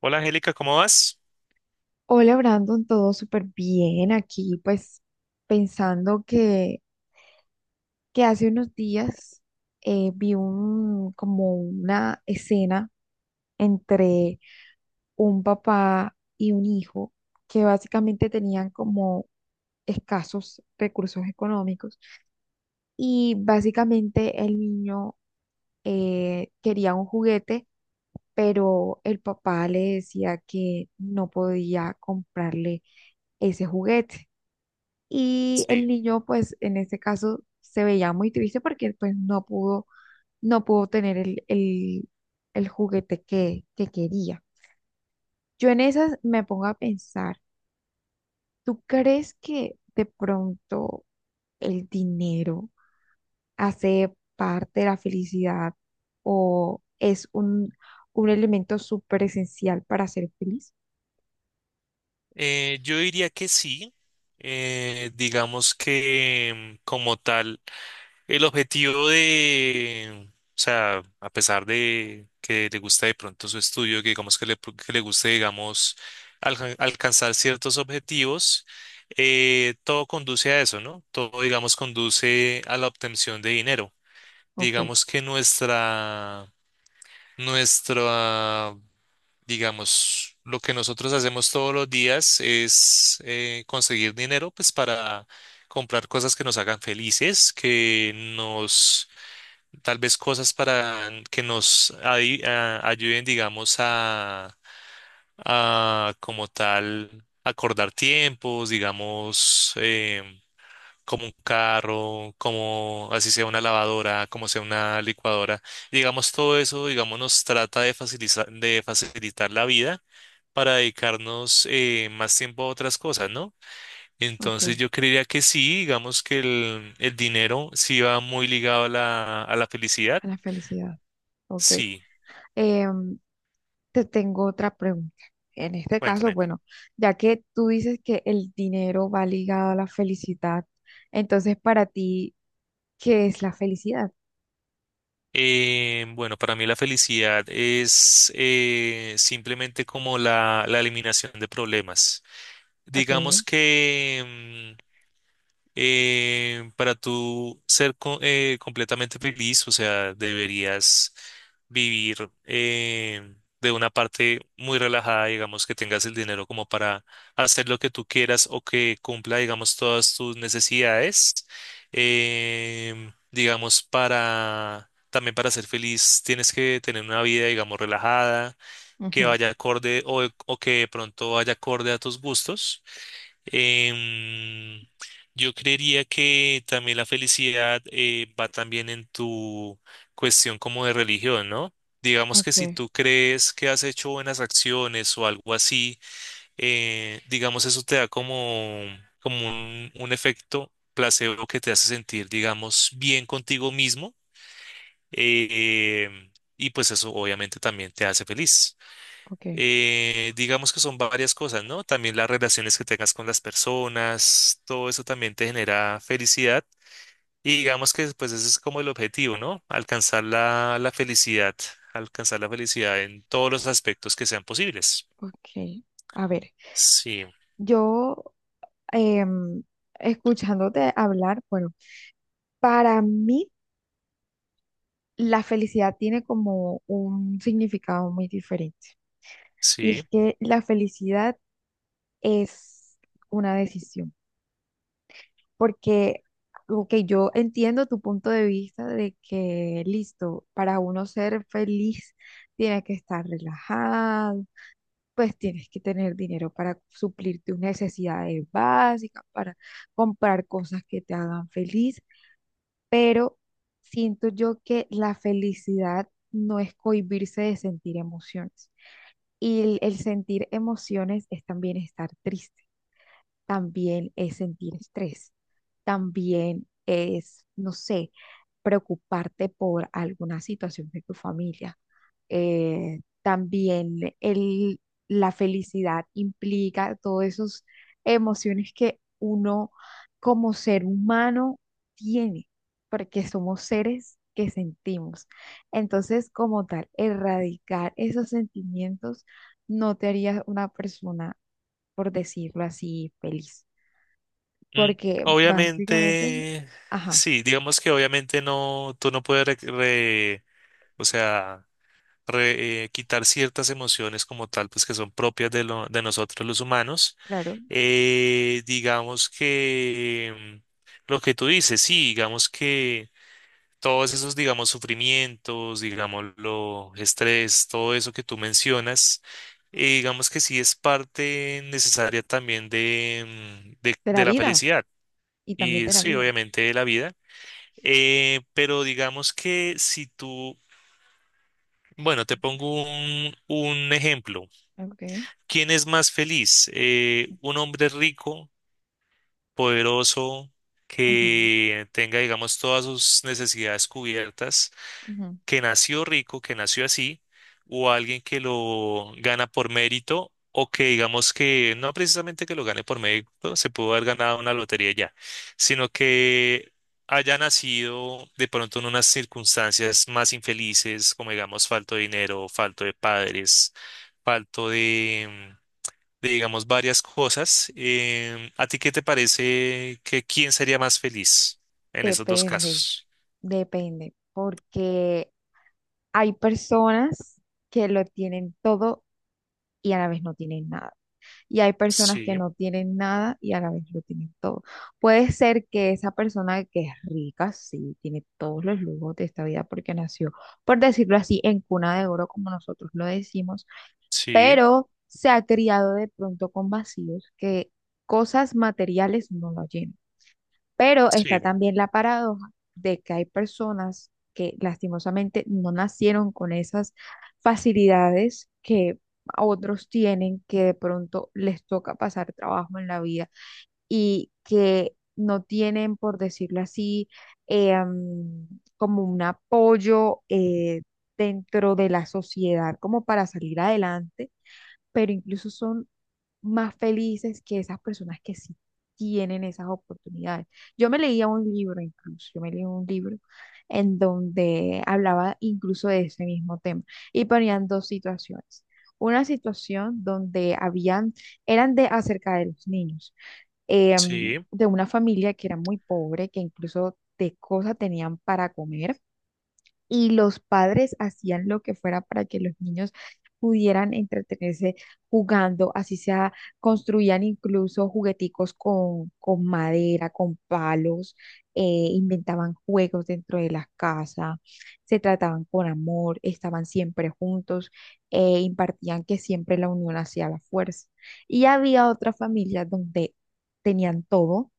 Hola Angélica, ¿cómo vas? Hola Brandon, todo súper bien aquí, pues pensando que hace unos días vi como una escena entre un papá y un hijo que básicamente tenían como escasos recursos económicos y básicamente el niño quería un juguete, pero el papá le decía que no podía comprarle ese juguete. Y el Sí, niño, pues en este caso, se veía muy triste porque pues no pudo tener el juguete que quería. Yo en esas me pongo a pensar, ¿tú crees que de pronto el dinero hace parte de la felicidad o es un elemento súper esencial para ser feliz? Yo diría que sí. Digamos que como tal, el objetivo de, o sea, a pesar de que le gusta de pronto su estudio, que digamos que le guste, digamos, alcanzar ciertos objetivos, todo conduce a eso, ¿no? Todo, digamos, conduce a la obtención de dinero. Ok. Digamos que nuestra Nuestra, digamos, lo que nosotros hacemos todos los días es conseguir dinero, pues para comprar cosas que nos hagan felices, que nos, tal vez cosas para que nos ayuden, digamos, a como tal acordar tiempos, digamos, como un carro, como así sea una lavadora, como sea una licuadora. Y digamos, todo eso, digamos, nos trata de facilitar la vida para dedicarnos más tiempo a otras cosas, ¿no? Ok, Entonces yo creería que sí, digamos que el dinero sí va muy ligado a la felicidad. a la felicidad. Ok. Sí, Em, Te tengo otra pregunta. En este caso, cuéntame. bueno, ya que tú dices que el dinero va ligado a la felicidad, entonces para ti, ¿qué es la felicidad? Bueno, para mí la felicidad es simplemente como la eliminación de problemas. Ok. Digamos que... para tú ser completamente feliz, o sea, deberías vivir de una parte muy relajada, digamos, que tengas el dinero como para hacer lo que tú quieras o que cumpla, digamos, todas tus necesidades. Digamos, para también para ser feliz tienes que tener una vida, digamos, relajada, que Ujú. vaya acorde o que de pronto vaya acorde a tus gustos. Em, yo creería que también la felicidad va también en tu cuestión como de religión, ¿no? Digamos que si Ok. tú crees que has hecho buenas acciones o algo así, digamos eso te da como, como un efecto placebo que te hace sentir, digamos, bien contigo mismo eh, y pues eso obviamente también te hace feliz. Ok. Digamos que son varias cosas, ¿no? También las relaciones que tengas con las personas, todo eso también te genera felicidad. Y digamos que pues ese es como el objetivo, ¿no? Alcanzar la, la felicidad, alcanzar la felicidad en todos los aspectos que sean posibles. Ok, a ver, Sí, yo em, escuchándote hablar, bueno, para mí la felicidad tiene como un significado muy diferente. Y es sí. que la felicidad es una decisión. Porque, ok, yo entiendo tu punto de vista de que, listo, para uno ser feliz tienes que estar relajado, pues tienes que tener dinero para suplir tus necesidades básicas, para comprar cosas que te hagan feliz, pero siento yo que la felicidad no es cohibirse de sentir emociones. Y el sentir emociones es también estar triste, también es sentir estrés, también es, no sé, preocuparte por alguna situación de tu familia. También el, la felicidad implica todas esas emociones que uno como ser humano tiene, porque somos seres que sentimos. Entonces, como tal, erradicar esos sentimientos no te haría una persona, por decirlo así, feliz Mm, porque básicamente, obviamente, ajá, sí, digamos que obviamente no, tú no puedes, o sea, quitar ciertas emociones como tal, pues que son propias de, lo, de nosotros los humanos. claro, Digamos que lo que tú dices, sí, digamos que todos esos, digamos, sufrimientos, digamos, lo estrés, todo eso que tú mencionas, digamos que sí es parte necesaria también de, de la de la vida felicidad y también y de la sí, vida. obviamente de la vida. Pero digamos que si tú, bueno, te pongo un ejemplo. Okay. ¿Quién es más feliz? ¿Eh, un hombre rico? Poderoso, Ujú, que tenga, digamos, todas sus necesidades cubiertas, ujú. que nació rico, que nació así, o alguien que lo gana por mérito, o que digamos que no precisamente que lo gane por mérito, se pudo haber ganado una lotería ya, sino que haya nacido de pronto en unas circunstancias más infelices, como digamos, falto de dinero, falto de padres, falto de, digamos, varias cosas. Em, ¿a ti qué te parece que quién sería más feliz en esos dos Depende, casos? depende, porque hay personas que lo tienen todo y a la vez no tienen nada. Y hay personas que Sí, no tienen nada y a la vez lo tienen todo. Puede ser que esa persona que es rica, sí, tiene todos los lujos de esta vida porque nació, por decirlo así, en cuna de oro, como nosotros lo decimos, sí, pero se ha criado de pronto con vacíos que cosas materiales no lo llenan. Pero está sí, también la paradoja de que hay personas que lastimosamente no nacieron con esas facilidades que otros tienen, que de pronto les toca pasar trabajo en la vida y que no tienen, por decirlo así, eh, mm, como un apoyo dentro de la sociedad como para salir adelante, pero incluso son más felices que esas personas que sí tienen esas oportunidades. Yo me leía un libro en donde hablaba incluso de ese mismo tema y ponían dos situaciones. Una situación donde habían, eran de acerca de los niños, eh, sí, de una familia que era muy pobre, que incluso de cosas tenían para comer y los padres hacían lo que fuera para que los niños pudieran entretenerse jugando, así sea, construían incluso jugueticos con madera, con palos, eh, inventaban juegos dentro de la casa, se trataban con amor, estaban siempre juntos, impartían que siempre la unión hacía la fuerza. Y había otras familias donde tenían todo,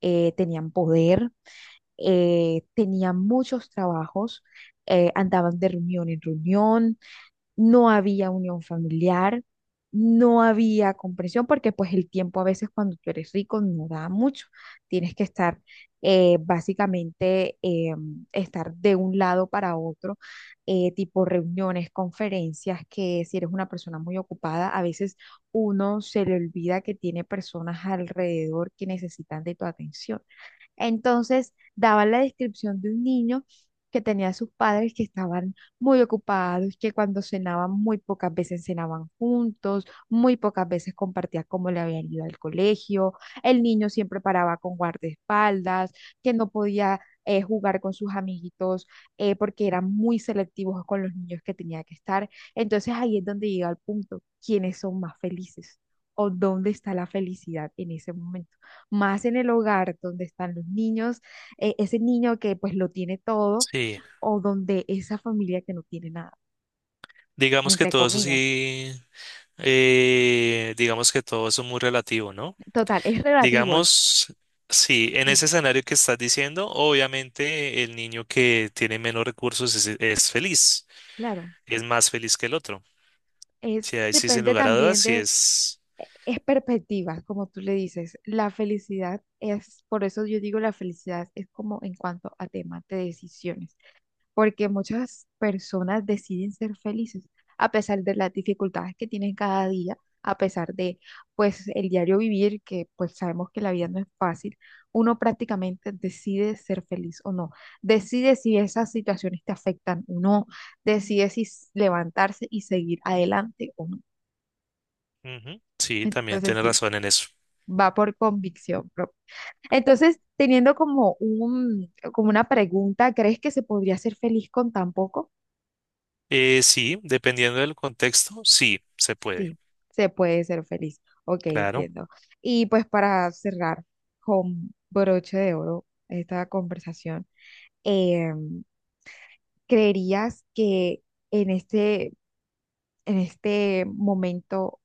tenían poder, tenía muchos trabajos, andaban de reunión en reunión, no había unión familiar, no había comprensión, porque pues el tiempo a veces cuando tú eres rico no da mucho, tienes que estar eh, básicamente, eh, estar de un lado para otro, tipo reuniones, conferencias, que si eres una persona muy ocupada, a veces uno se le olvida que tiene personas alrededor que necesitan de tu atención. Entonces, daban la descripción de un niño que tenía a sus padres que estaban muy ocupados, que cuando cenaban muy pocas veces cenaban juntos, muy pocas veces compartía cómo le habían ido al colegio, el niño siempre paraba con guardaespaldas, que no podía jugar con sus amiguitos, porque eran muy selectivos con los niños que tenía que estar. Entonces ahí es donde llega el punto, ¿quiénes son más felices? ¿O dónde está la felicidad en ese momento? Más en el hogar donde están los niños, ese niño que pues lo tiene todo, sí. o donde esa familia que no tiene nada, Digamos que entre todo eso comillas. sí, digamos que todo eso es muy relativo, ¿no? Total, es relativo. Digamos, sí, en ese Ujú. escenario que estás diciendo, obviamente el niño que tiene menos recursos es feliz, Claro, es más feliz que el otro. Sí, es ahí sí, sin depende lugar a dudas, también sí de, es... es perspectiva, como tú le dices. La felicidad es, por eso yo digo la felicidad es como en cuanto a temas de decisiones. Porque muchas personas deciden ser felices a pesar de las dificultades que tienen cada día, a pesar de pues el diario vivir, que pues sabemos que la vida no es fácil, uno prácticamente decide ser feliz o no, decide si esas situaciones te afectan o no, decide si s- levantarse y seguir adelante o no. Ujú, sí, también Entonces tienes sí, razón en eso. va por convicción propia. Entonces, teniendo como como una pregunta, ¿crees que se podría ser feliz con tan poco? Sí, dependiendo del contexto, sí, se puede, Sí, se puede ser feliz. Ok, claro. entiendo. Y pues para cerrar con broche de oro esta conversación, eh, ¿creerías que en este, en este momento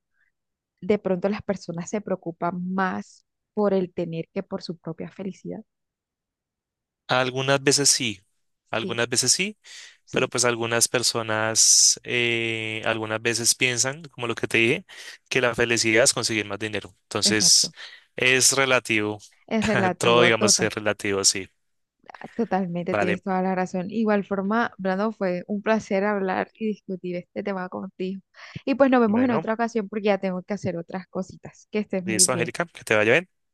de pronto las personas se preocupan más por el tener que por su propia felicidad? Algunas veces sí, Sí, algunas veces sí, pero sí, pues algunas personas, algunas veces piensan, como lo que te dije, que la felicidad es conseguir más dinero. Entonces, exacto. es relativo, Es todo relativo digamos que total. es relativo, sí. Totalmente, tienes Vale, toda la razón. Igual forma, Brando, fue un placer hablar y discutir este tema contigo. Y pues nos vemos en bueno, otra ocasión porque ya tengo que hacer otras cositas. Que estés muy listo, bien. Angélica, que te vaya bien.